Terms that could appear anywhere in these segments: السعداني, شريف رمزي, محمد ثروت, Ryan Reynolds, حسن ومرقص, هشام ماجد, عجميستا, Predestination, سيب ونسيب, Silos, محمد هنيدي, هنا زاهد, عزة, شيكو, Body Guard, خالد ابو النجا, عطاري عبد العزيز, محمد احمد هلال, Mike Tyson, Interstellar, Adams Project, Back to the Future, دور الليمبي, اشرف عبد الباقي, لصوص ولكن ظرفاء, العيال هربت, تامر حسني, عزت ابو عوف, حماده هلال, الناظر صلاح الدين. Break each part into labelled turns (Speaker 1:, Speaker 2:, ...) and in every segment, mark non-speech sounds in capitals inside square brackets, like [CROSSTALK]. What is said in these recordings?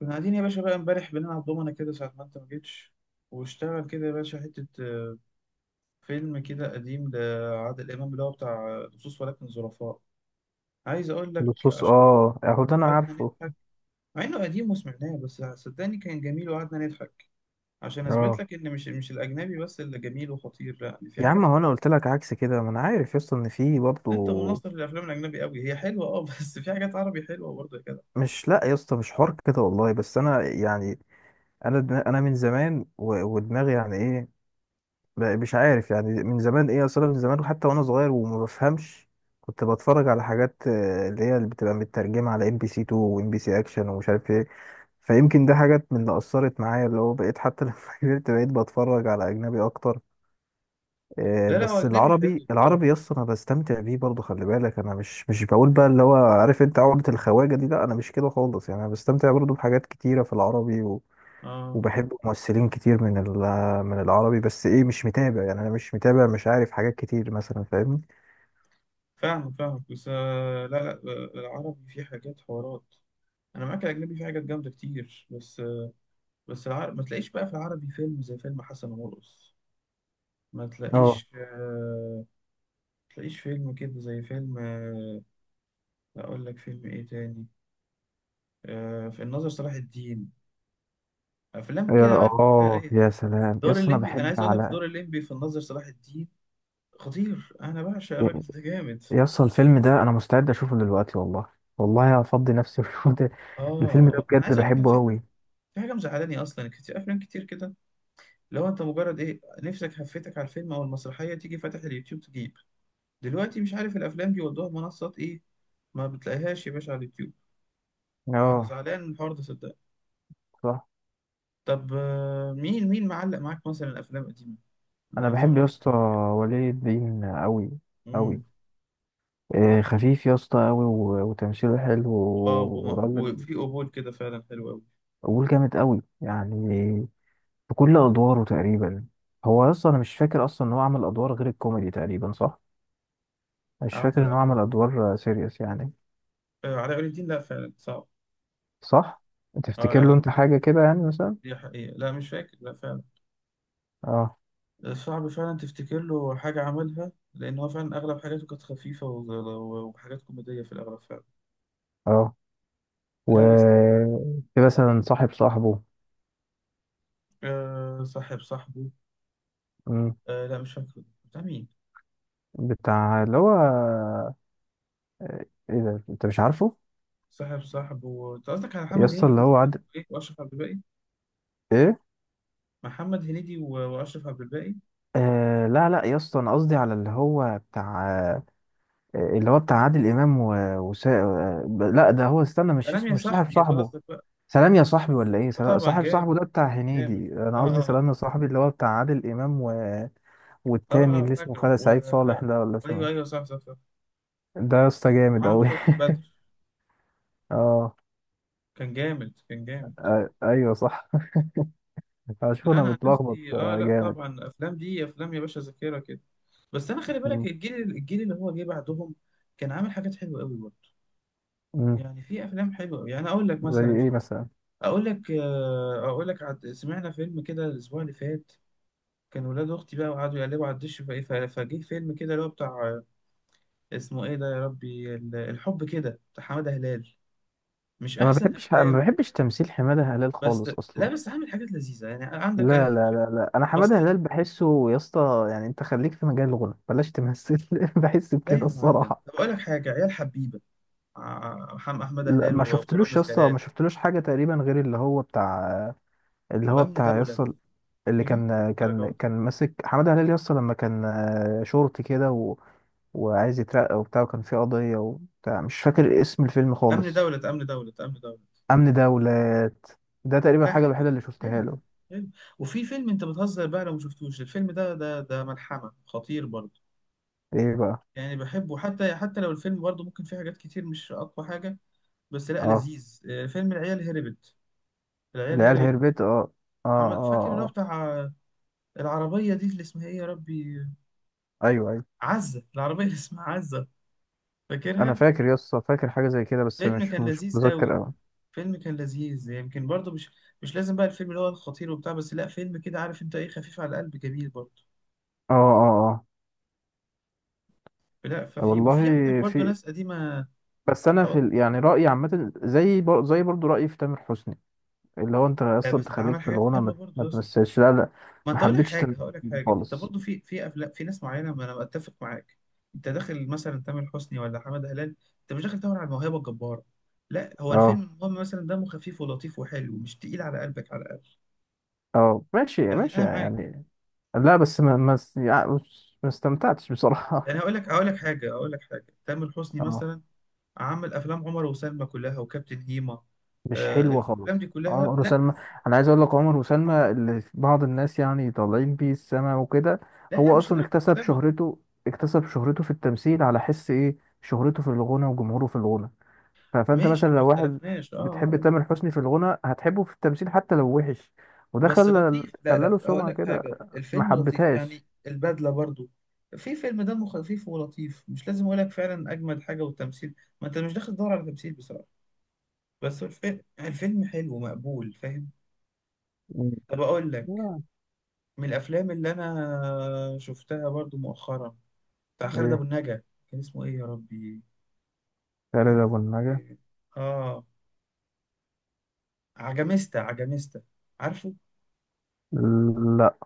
Speaker 1: كنا قاعدين يا باشا بقى امبارح بنلعب دومنا كده ساعة ما انت ما جيتش. واشتغل كده يا باشا حتة فيلم كده قديم لعادل إمام اللي هو بتاع لصوص ولكن ظرفاء. عايز أقول لك
Speaker 2: اللصوص،
Speaker 1: عشان
Speaker 2: اه، اهو ده انا
Speaker 1: قعدنا
Speaker 2: عارفه.
Speaker 1: نضحك، مع إنه قديم وسمعناه، بس صدقني كان جميل وقعدنا نضحك، عشان أثبت
Speaker 2: اه،
Speaker 1: لك إن مش الأجنبي بس اللي جميل وخطير، لا يعني في
Speaker 2: يا عم
Speaker 1: حاجات
Speaker 2: هو
Speaker 1: حلوة.
Speaker 2: انا قلت لك عكس كده، ما انا عارف يا اسطى ان في برضه.
Speaker 1: أنت مناصر للأفلام الأجنبي قوي، هي حلوة أه [LAUGHS] بس في حاجات عربي حلوة برضه كده.
Speaker 2: مش لا يا اسطى، مش حوار كده والله، بس انا يعني. انا من زمان ودماغي يعني ايه. مش عارف يعني من زمان ايه اصلا، من زمان وحتى وانا صغير وما بفهمش كنت بتفرج على حاجات، اللي بتبقى مترجمه على ام بي سي 2 وام بي سي اكشن ومش عارف ايه. فيمكن ده حاجات من اللي اثرت معايا، اللي هو بقيت حتى [LAUGHS] لما كبرت بقيت بتفرج على اجنبي اكتر.
Speaker 1: لا هو
Speaker 2: بس
Speaker 1: أجنبي حلو
Speaker 2: العربي
Speaker 1: بصراحة،
Speaker 2: العربي، يس انا بستمتع بيه برضه. خلي بالك انا مش بقول بقى اللي هو، عارف انت عقدة الخواجة دي، لا انا مش كده خالص، يعني انا بستمتع برضه بحاجات كتيرة في العربي و...
Speaker 1: أه.
Speaker 2: وبحب ممثلين كتير من العربي. بس ايه، مش متابع يعني، انا مش متابع، مش عارف حاجات كتير مثلا، فاهمني.
Speaker 1: فاهمك فاهمك بس لا العربي فيه حاجات حوارات. انا معاك الاجنبي في حاجات جامده كتير، بس بس العر... ما تلاقيش بقى في العربي فيلم زي فيلم حسن ومرقص. ما
Speaker 2: اه.
Speaker 1: تلاقيش آه... ما تلاقيش فيلم كده زي فيلم آه... اقول لك فيلم ايه تاني. آه... في الناظر صلاح الدين، افلام كده عارف؟ إيه.
Speaker 2: يا سلام،
Speaker 1: دور
Speaker 2: يس انا
Speaker 1: الليمبي، انا
Speaker 2: بحب
Speaker 1: عايز اقول لك
Speaker 2: على.
Speaker 1: دور الليمبي في الناظر صلاح الدين خطير، انا بعشق الراجل ده جامد.
Speaker 2: يس الفيلم ده انا مستعد اشوفه دلوقتي والله. والله هفضي نفسي [LAUGHS] واشوف ده.
Speaker 1: اه
Speaker 2: الفيلم ده
Speaker 1: اه، انا
Speaker 2: بجد
Speaker 1: عايز اقول لك انا
Speaker 2: بحبه
Speaker 1: في حاجه،
Speaker 2: قوي.
Speaker 1: في حاجه مزعلاني اصلا. كتير افلام كتير كده لو انت مجرد ايه نفسك هفتك على الفيلم او المسرحيه، تيجي فاتح اليوتيوب تجيب دلوقتي، مش عارف الافلام دي والله منصات ايه، ما بتلاقيهاش يا باشا على اليوتيوب. انا
Speaker 2: اه،
Speaker 1: زعلان من الحوار ده صدقني.
Speaker 2: صح.
Speaker 1: طب مين مين معلق معاك مثلا الافلام القديمه؟ انا
Speaker 2: انا
Speaker 1: عايز
Speaker 2: بحب يا
Speaker 1: اعرف.
Speaker 2: اسطى ولي الدين قوي. قوي.
Speaker 1: امم.
Speaker 2: إيه، خفيف يا اسطى قوي. وتمثيله حلو
Speaker 1: اه
Speaker 2: وراجل.
Speaker 1: وفي قبول كده فعلا حلو قوي.
Speaker 2: قول جامد قوي يعني، في كل ادواره تقريبا. هو يا اسطى، انا مش فاكر اصلا ان هو عمل ادوار غير الكوميدي تقريبا، صح؟ مش فاكر ان هو
Speaker 1: عمل
Speaker 2: عمل ادوار سيريس يعني.
Speaker 1: علاء ولي الدين، لا فعلا صعب.
Speaker 2: صح.
Speaker 1: اه
Speaker 2: تفتكر له
Speaker 1: لا،
Speaker 2: انت حاجه كده يعني مثلا؟
Speaker 1: دي حقيقة، لا مش فاكر، لا فعلا.
Speaker 2: اه.
Speaker 1: صعب فعلا تفتكر له حاجة عملها، لأن هو فعلا أغلب حاجاته كانت خفيفة وحاجات كوميدية في الأغلب فعلا.
Speaker 2: اه. و.
Speaker 1: لا بس
Speaker 2: في مثلا صاحب صاحبه.
Speaker 1: آه صاحب صاحبه.
Speaker 2: مم.
Speaker 1: آه لا مش فاكره، ده مين؟
Speaker 2: بتاع اللي هو، ايه ده انت مش عارفه؟
Speaker 1: صاحب صاحب و... انت قصدك على
Speaker 2: يا
Speaker 1: محمد
Speaker 2: اسطى اللي
Speaker 1: هنيدي و...
Speaker 2: هو عاد.
Speaker 1: إيه؟ واشرف عبد الباقي.
Speaker 2: ايه.
Speaker 1: محمد هنيدي و... واشرف عبد الباقي.
Speaker 2: آه، لا لا يا اسطى، انا قصدي على اللي هو بتاع اللي هو بتاع عادل امام و... لا ده هو، استنى، مش
Speaker 1: سلام يا
Speaker 2: اسمه، مش صاحب
Speaker 1: صاحبي، يبقى
Speaker 2: صاحبه.
Speaker 1: قصدك بقى.
Speaker 2: سلام يا صاحبي ولا ايه؟
Speaker 1: اه طبعا
Speaker 2: صاحب صاحبه
Speaker 1: جامد،
Speaker 2: ده بتاع هنيدي،
Speaker 1: جامد.
Speaker 2: انا
Speaker 1: اه
Speaker 2: قصدي
Speaker 1: اه اه.
Speaker 2: سلام يا صاحبي اللي هو بتاع عادل امام و...
Speaker 1: اه
Speaker 2: والتاني اللي اسمه
Speaker 1: فاكره
Speaker 2: خالد
Speaker 1: و...
Speaker 2: سعيد صالح ده، ولا
Speaker 1: ايوه
Speaker 2: اسمه
Speaker 1: ايوه، صح صح صح.
Speaker 2: إيه؟ ده يا اسطى جامد
Speaker 1: معاهم
Speaker 2: قوي
Speaker 1: سوسن بدر،
Speaker 2: [LAUGHS] اه،
Speaker 1: كان جامد كان جامد.
Speaker 2: ايوه، صح. [LAUGHS] اشوف
Speaker 1: لا
Speaker 2: انا
Speaker 1: انا عن
Speaker 2: متلخبط،
Speaker 1: نفسي اه، لا
Speaker 2: جامد.
Speaker 1: طبعا افلام دي افلام يا باشا ذاكره كده. بس انا خلي بالك
Speaker 2: مم.
Speaker 1: الجيل، اللي هو جه بعدهم كان عامل حاجات حلوه قوي برضه.
Speaker 2: مم.
Speaker 1: يعني في افلام حلوه، يعني اقول لك
Speaker 2: زي
Speaker 1: مثلا. في
Speaker 2: ايه مثلا؟
Speaker 1: اقول لك اقول لك عد... سمعنا فيلم كده الاسبوع اللي فات، كان ولاد اختي بقى وقعدوا يقلبوا على الدش، فايه فجه فيلم كده اللي هو بتاع اسمه ايه ده يا ربي، الحب كده بتاع حماده هلال، مش
Speaker 2: ما
Speaker 1: احسن
Speaker 2: بحبش ما
Speaker 1: افلامه.
Speaker 2: بحبش تمثيل حماده هلال
Speaker 1: بس
Speaker 2: خالص
Speaker 1: لا
Speaker 2: اصلا.
Speaker 1: بس عامل حاجات لذيذه، يعني
Speaker 2: لا
Speaker 1: عندك انا
Speaker 2: لا لا لا، انا حماده
Speaker 1: بصيت.
Speaker 2: هلال بحسه يا اسطى، يعني انت خليك في مجال الغنى، بلاش تمثل [LAUGHS] بحس
Speaker 1: لا يا
Speaker 2: بكده
Speaker 1: معلم
Speaker 2: الصراحه.
Speaker 1: طب اقول لك حاجه، عيال حبيبه، محمد احمد
Speaker 2: لا
Speaker 1: هلال
Speaker 2: ما شفتلوش يا
Speaker 1: ورامز
Speaker 2: اسطى، ما
Speaker 1: جلال.
Speaker 2: شفتلوش حاجه تقريبا غير اللي هو بتاع، اللي هو
Speaker 1: وامن
Speaker 2: بتاع يا
Speaker 1: دوله إيه؟
Speaker 2: اسطى اللي
Speaker 1: يا جدع مش
Speaker 2: كان كان
Speaker 1: الدرجات دي.
Speaker 2: كان ماسك حماده هلال يا اسطى، لما كان شرطي كده و... وعايز يترقى وبتاع، وكان في قضيه وبتاع، مش فاكر اسم الفيلم
Speaker 1: امن
Speaker 2: خالص.
Speaker 1: دوله، امن دوله، امن دوله.
Speaker 2: امن دولات، ده تقريبا
Speaker 1: لا
Speaker 2: الحاجه
Speaker 1: حلو،
Speaker 2: الوحيده اللي شفتها
Speaker 1: حلو،
Speaker 2: له.
Speaker 1: حلو. وفي فيلم انت بتهزر بقى لو ما شفتوش الفيلم ده، ده ده ملحمة خطير برضه.
Speaker 2: ايه بقى؟
Speaker 1: يعني بحبه، حتى حتى لو الفيلم برضه ممكن فيه حاجات كتير مش اقوى حاجة، بس لا
Speaker 2: اه،
Speaker 1: لذيذ، فيلم العيال هربت. العيال
Speaker 2: العيال
Speaker 1: هربت.
Speaker 2: هربت. اه، اه،
Speaker 1: عمل فاكر اللي
Speaker 2: اه،
Speaker 1: هو
Speaker 2: آه.
Speaker 1: بتاع العربية دي اللي اسمها ايه يا ربي،
Speaker 2: ايوه، أيوة.
Speaker 1: عزة، العربية اللي اسمها عزة،
Speaker 2: انا
Speaker 1: فاكرها؟
Speaker 2: فاكر يا اسطى، فاكر حاجه زي كده بس
Speaker 1: فيلم
Speaker 2: مش
Speaker 1: كان
Speaker 2: مش
Speaker 1: لذيذ
Speaker 2: متذكر
Speaker 1: قوي،
Speaker 2: قوي.
Speaker 1: فيلم كان لذيذ، يمكن برضه مش لازم بقى الفيلم اللي هو الخطير وبتاع، بس لا فيلم كده عارف انت ايه، خفيف على القلب جميل برضه.
Speaker 2: اه، اه،
Speaker 1: لا
Speaker 2: اه،
Speaker 1: ففي
Speaker 2: والله
Speaker 1: وفي عندك برضو
Speaker 2: في.
Speaker 1: ناس قديمة.
Speaker 2: بس انا
Speaker 1: أقول لك،
Speaker 2: يعني رايي عامه، زي برضو رايي في تامر حسني، اللي هو انت يا
Speaker 1: لا
Speaker 2: اسطى، انت
Speaker 1: بس
Speaker 2: خليك
Speaker 1: عمل
Speaker 2: في
Speaker 1: حاجات
Speaker 2: الغنى،
Speaker 1: حلوة
Speaker 2: ما
Speaker 1: برضو
Speaker 2: ما
Speaker 1: يا اسطى.
Speaker 2: تمثلش، لا لا.
Speaker 1: ما
Speaker 2: ما
Speaker 1: أنت أقول لك
Speaker 2: حبيتش تامر
Speaker 1: حاجة، هقول لك
Speaker 2: حسني
Speaker 1: حاجة، أنت
Speaker 2: خالص.
Speaker 1: برضو في أفلام في ناس معينة، ما أنا أتفق معاك. أنت داخل مثلا تامر حسني ولا حمد هلال، أنت مش داخل تدور على الموهبة الجبارة، لا هو
Speaker 2: اه،
Speaker 1: الفيلم المهم مثلا دمه خفيف ولطيف وحلو، مش تقيل على قلبك على الأقل.
Speaker 2: اه، ماشي
Speaker 1: يعني
Speaker 2: ماشي
Speaker 1: أنا معاك.
Speaker 2: يعني. لا بس ما ما است- يعني بص، ما استمتعتش بصراحه.
Speaker 1: يعني هقول لك، هقول لك حاجة، هقول لك حاجة، تامر
Speaker 2: [LAUGHS]
Speaker 1: حسني
Speaker 2: اه.
Speaker 1: مثلا عمل أفلام عمر وسلمى كلها وكابتن هيما.
Speaker 2: مش
Speaker 1: آه
Speaker 2: حلوة
Speaker 1: الأفلام
Speaker 2: خالص
Speaker 1: دي كلها،
Speaker 2: عمر
Speaker 1: لا بس
Speaker 2: وسلمى. أنا عايز أقول لك عمر وسلمى اللي بعض الناس يعني طالعين بيه السما وكده.
Speaker 1: لا لا
Speaker 2: هو
Speaker 1: مش
Speaker 2: أصلا
Speaker 1: لدرجة.
Speaker 2: اكتسب
Speaker 1: سلمى،
Speaker 2: شهرته، اكتسب شهرته في التمثيل على حس إيه؟ شهرته في الغنى وجمهوره في الغنى. فأنت مثلا
Speaker 1: ماشي، ما
Speaker 2: لو واحد
Speaker 1: اختلفناش اه
Speaker 2: بتحب تامر حسني في الغنى هتحبه في التمثيل حتى لو وحش. وده
Speaker 1: بس
Speaker 2: خلى،
Speaker 1: لطيف، لا
Speaker 2: خلى
Speaker 1: لا
Speaker 2: له
Speaker 1: هقول
Speaker 2: سمعة
Speaker 1: لك
Speaker 2: كده.
Speaker 1: حاجة،
Speaker 2: ما
Speaker 1: الفيلم لطيف يعني.
Speaker 2: حبتهاش.
Speaker 1: البدلة برضو، في فيلم دمه خفيف ولطيف، مش لازم اقول لك فعلا اجمل حاجة والتمثيل. ما انت مش داخل تدور على تمثيل بصراحة، بس الفيلم، الفيلم حلو مقبول فاهم؟
Speaker 2: مم.
Speaker 1: طب اقول لك،
Speaker 2: آه.
Speaker 1: من الافلام اللي انا شفتها برضو مؤخرا بتاع خالد ابو
Speaker 2: إيه.
Speaker 1: النجا. كان اسمه ايه يا ربي؟
Speaker 2: خالد
Speaker 1: كان
Speaker 2: أبو
Speaker 1: اسمه
Speaker 2: النجا.
Speaker 1: ايه؟ اه عجميستا، عجميستا، عارفه؟
Speaker 2: لا.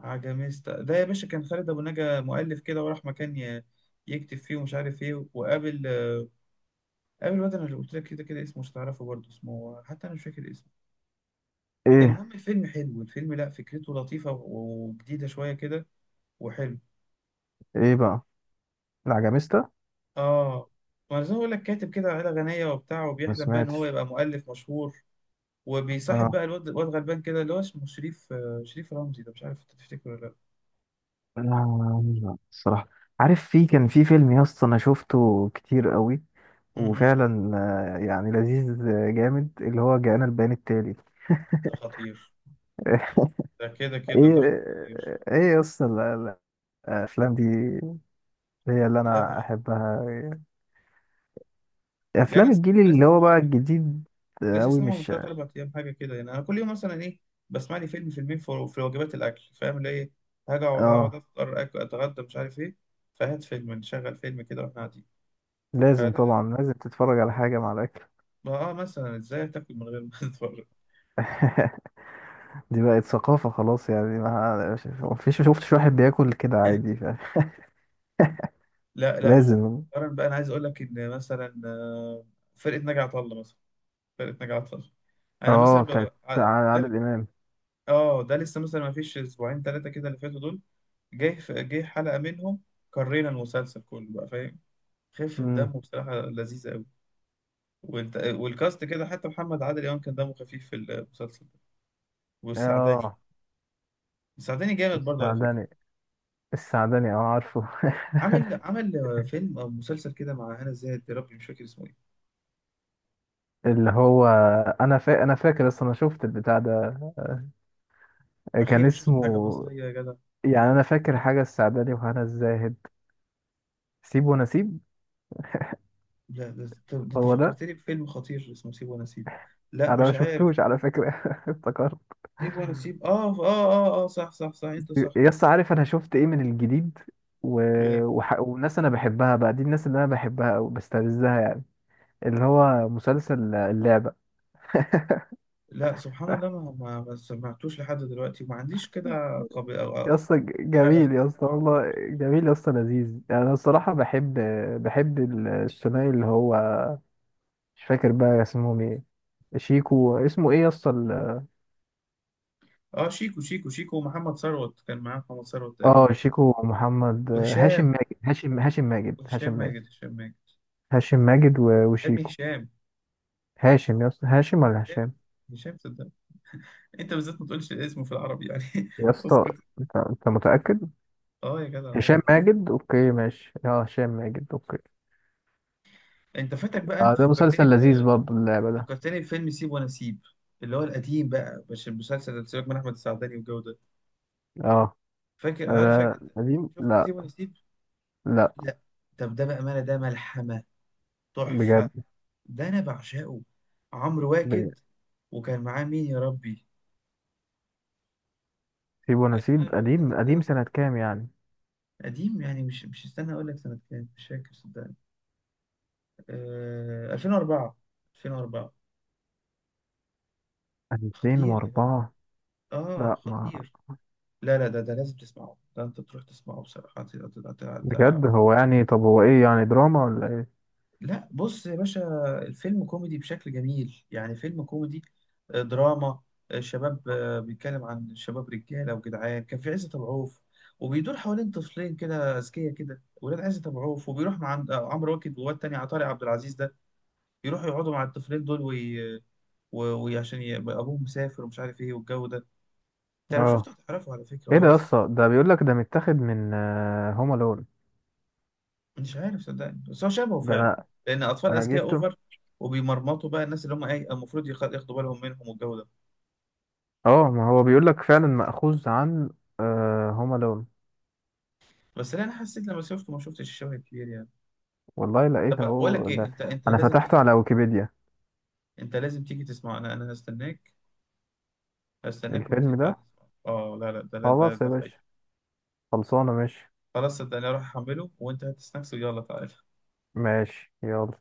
Speaker 1: عجميستا ده يا باشا كان خالد ابو نجا مؤلف كده، وراح مكان يكتب فيه ومش عارف ايه، وقابل قابل الواد انا اللي قلت لك كده، كده اسمه مش هتعرفه برضه، اسمه حتى انا مش فاكر اسمه.
Speaker 2: إيه.
Speaker 1: المهم الفيلم حلو، الفيلم لا فكرته لطيفه وجديده شويه كده، وحلو.
Speaker 2: إيه بقى؟ العجميستا.
Speaker 1: اه ما أنا زي ما بقول لك، كاتب كده عيله غنيه وبتاع،
Speaker 2: ما
Speaker 1: وبيحلم بقى ان هو
Speaker 2: سمعتش.
Speaker 1: يبقى مؤلف مشهور، وبيصاحب
Speaker 2: آه.
Speaker 1: بقى الواد، الواد غلبان كده اللي هو اسمه شريف، شريف رمزي ده، مش عارف انت تفتكره ولا لا.
Speaker 2: الصراحة. عارف في، كان في فيلم يا اسطى انا شفته كتير قوي
Speaker 1: م- م.
Speaker 2: وفعلا يعني لذيذ، جامد، اللي هو جاءنا البيان التالي
Speaker 1: ده خطير،
Speaker 2: [LAUGHS]
Speaker 1: ده كده كده ده
Speaker 2: ايه.
Speaker 1: خطير.
Speaker 2: ايه يا اسطى، الافلام دي هي اللي
Speaker 1: لا
Speaker 2: انا
Speaker 1: لا
Speaker 2: احبها.
Speaker 1: لا، انا
Speaker 2: افلام
Speaker 1: سمعت،
Speaker 2: الجيل
Speaker 1: أنا لسه
Speaker 2: اللي هو
Speaker 1: سامعه على
Speaker 2: بقى
Speaker 1: فكره،
Speaker 2: الجديد.
Speaker 1: لسه
Speaker 2: قوي،
Speaker 1: سامعه من
Speaker 2: مش.
Speaker 1: ثلاث اربع ايام حاجه كده. يعني انا كل يوم مثلا ايه، بسمع لي فيلم فيلمين في وجبات الاكل فاهم اللي ايه، هاجي هقعد
Speaker 2: اه،
Speaker 1: افطر اتغدى مش عارف ايه، فهات فيلم نشغل فيلم كده واحنا قاعدين. فلا
Speaker 2: لازم طبعا،
Speaker 1: لا،
Speaker 2: لازم تتفرج على حاجة مع الاكل
Speaker 1: ما اه مثلا ازاي تاكل من غير ما [LAUGHS] تتفرج.
Speaker 2: [LAUGHS] دي بقت ثقافة خلاص يعني، ما فيش شفتش واحد بياكل كده عادي،
Speaker 1: لا لا،
Speaker 2: فلازم.
Speaker 1: ومؤخرا بقى انا عايز اقول لك ان مثلا فرقه ناجي عطا الله مثلا، فرقه ناجي عطا الله، انا مثلا
Speaker 2: اه، بتاعت
Speaker 1: بقى
Speaker 2: عادل امام.
Speaker 1: اه ده لسه مثلا ما فيش اسبوعين ثلاثه كده اللي فاتوا دول، جه جه حلقه منهم، قرينا المسلسل كله بقى فاهم. خفة
Speaker 2: امم.
Speaker 1: دمه بصراحه لذيذه قوي، وانت والكاست كده، حتى محمد عادل امام كان دمه خفيف في المسلسل ده، والسعداني.
Speaker 2: اه.
Speaker 1: السعداني جامد برضه على فكره.
Speaker 2: السعداني. السعداني، اه، عارفه [LAUGHS]
Speaker 1: عامل عامل فيلم او مسلسل كده مع هنا زاهد، يا ربي مش فاكر اسمه ايه.
Speaker 2: اللي هو، انا فاكر اصلا انا شفت البتاع ده. كان
Speaker 1: اخيرا شفت حاجه
Speaker 2: اسمه،
Speaker 1: مصريه يا جدع.
Speaker 2: يعني انا فاكر حاجه السعداني وهنا الزاهد. سيب ونسيب.
Speaker 1: لا ده انت، ده أنت
Speaker 2: هو ده.
Speaker 1: فكرتني بفيلم خطير اسمه سيب ونسيب. لا
Speaker 2: انا ما
Speaker 1: مش عارف.
Speaker 2: شفتوش على فكره [LAUGHS] افتكرت.
Speaker 1: سيب ونسيب، اه اه اه اه، صح صح صح، انت صح.
Speaker 2: يس عارف انا شفت ايه من الجديد؟ و... والناس انا بحبها بقى، دي الناس اللي انا بحبها او بستلذها يعني، اللي هو مسلسل اللعبه.
Speaker 1: لا سبحان الله، ما سمعتوش لحد دلوقتي، وما عنديش كده قبل أو
Speaker 2: يا اسطى
Speaker 1: شغف إن أنا
Speaker 2: جميل، يا اسطى
Speaker 1: أسمعه.
Speaker 2: والله جميل يا اسطى، لذيذ يعني انا الصراحه بحب، بحب الثنائي اللي هو، مش فاكر بقى اسمهم ايه. شيكو، اسمه ايه يا اسطى
Speaker 1: اه شيكو، شيكو ومحمد ثروت، كان معاه محمد ثروت
Speaker 2: اه
Speaker 1: تقريبا.
Speaker 2: شيكو محمد هاشم
Speaker 1: وهشام،
Speaker 2: ماجد هاشم هاشم ماجد
Speaker 1: وهشام
Speaker 2: هاشم ماجد.
Speaker 1: ماجد، هشام ماجد.
Speaker 2: هاشم ماجد و-
Speaker 1: يا ابني
Speaker 2: وشيكو.
Speaker 1: هشام،
Speaker 2: هاشم يا اسطى، هاشم ولا هشام؟
Speaker 1: هشام صدق. انت بالذات ما تقولش اسمه في العربي يعني
Speaker 2: يا
Speaker 1: [LAUGHS]
Speaker 2: اسطى،
Speaker 1: اسكت.
Speaker 2: انت متاكد؟
Speaker 1: اه يا جدع آه.
Speaker 2: هشام ماجد، اوكي، ماشي، اه، هشام ماجد اوكي.
Speaker 1: انت فاتك بقى،
Speaker 2: اه
Speaker 1: انت
Speaker 2: ده
Speaker 1: فكرتني
Speaker 2: مسلسل لذيذ
Speaker 1: ب...
Speaker 2: برضه اللعبه ده.
Speaker 1: فكرتني بفيلم سيب وانا سيب، اللي هو القديم بقى مش المسلسل اللي سيبك من احمد السعداني والجو ده،
Speaker 2: اه،
Speaker 1: فاكر؟ عارف فاكر انت؟
Speaker 2: قديم،
Speaker 1: شفت
Speaker 2: لا.
Speaker 1: سيب وانا سيب؟
Speaker 2: لا،
Speaker 1: لا؟ طب ده بقى ماله، ده ملحمه، تحفة،
Speaker 2: بجد.
Speaker 1: ده أنا بعشقه. عمرو
Speaker 2: بجد.
Speaker 1: واكد، وكان معاه مين يا ربي؟
Speaker 2: سيب
Speaker 1: كان معاه
Speaker 2: ونسيب
Speaker 1: الواد تاني
Speaker 2: قديم
Speaker 1: كده ده
Speaker 2: قديم سنة كام يعني؟
Speaker 1: قديم يعني، مش مش استنى أقول لك سنة كام، مش فاكر صدقني. آه 2004، 2004. خطير يا جدع،
Speaker 2: 2004.
Speaker 1: آه
Speaker 2: لا، ما،
Speaker 1: خطير. لا لا، ده ده لازم تسمعه، ده أنت تروح تسمعه بصراحة،
Speaker 2: بجد هو يعني، طب هو ايه يعني، دراما ولا ايه؟
Speaker 1: لا بص يا باشا، الفيلم كوميدي بشكل جميل، يعني فيلم كوميدي دراما شباب، بيتكلم عن شباب رجاله وجدعان، كان في عزت ابو عوف، وبيدور حوالين طفلين كده اذكياء كده ولاد عزت ابو عوف، وبيروح مع عند عمرو واكد وواد تاني عطاري عبد العزيز ده، يروحوا يقعدوا مع الطفلين دول وي... وعشان ابوهم مسافر ومش عارف ايه والجو ده. انت لو
Speaker 2: اه،
Speaker 1: شفته هتعرفه على فكره
Speaker 2: ايه ده
Speaker 1: هو
Speaker 2: يا
Speaker 1: اصلا،
Speaker 2: اسطى، ده بيقول لك ده متاخد من هوم الون.
Speaker 1: مش عارف صدقني بس هو شبهه
Speaker 2: ده
Speaker 1: فعلا،
Speaker 2: انا
Speaker 1: لان اطفال
Speaker 2: انا
Speaker 1: اذكياء
Speaker 2: جبته.
Speaker 1: اوفر، وبيمرمطوا بقى الناس اللي هم ايه المفروض ياخدوا بالهم منهم والجو ده.
Speaker 2: اه ما هو بيقول لك فعلا مأخوذ عن هوم الون.
Speaker 1: بس لا انا حسيت لما شفته ما شفتش الشبه الكبير يعني.
Speaker 2: والله
Speaker 1: طب
Speaker 2: لقيت
Speaker 1: بقول لك
Speaker 2: اهو
Speaker 1: ايه،
Speaker 2: ده.
Speaker 1: انت انت
Speaker 2: انا
Speaker 1: لازم
Speaker 2: فتحته
Speaker 1: تيجي،
Speaker 2: على ويكيبيديا.
Speaker 1: انت لازم تيجي تسمعه، انا انا هستناك، هستناك وانت
Speaker 2: الفيلم
Speaker 1: تعالى
Speaker 2: ده،
Speaker 1: تسمعه، اه لا لا ده، لا ده
Speaker 2: خلاص يا
Speaker 1: ده فايدة.
Speaker 2: باشا، خلصانه، ماشي.
Speaker 1: خلاص صدقني، اروح احمله وانت هات سناكس ويلا تعالى.
Speaker 2: ماشي يلا.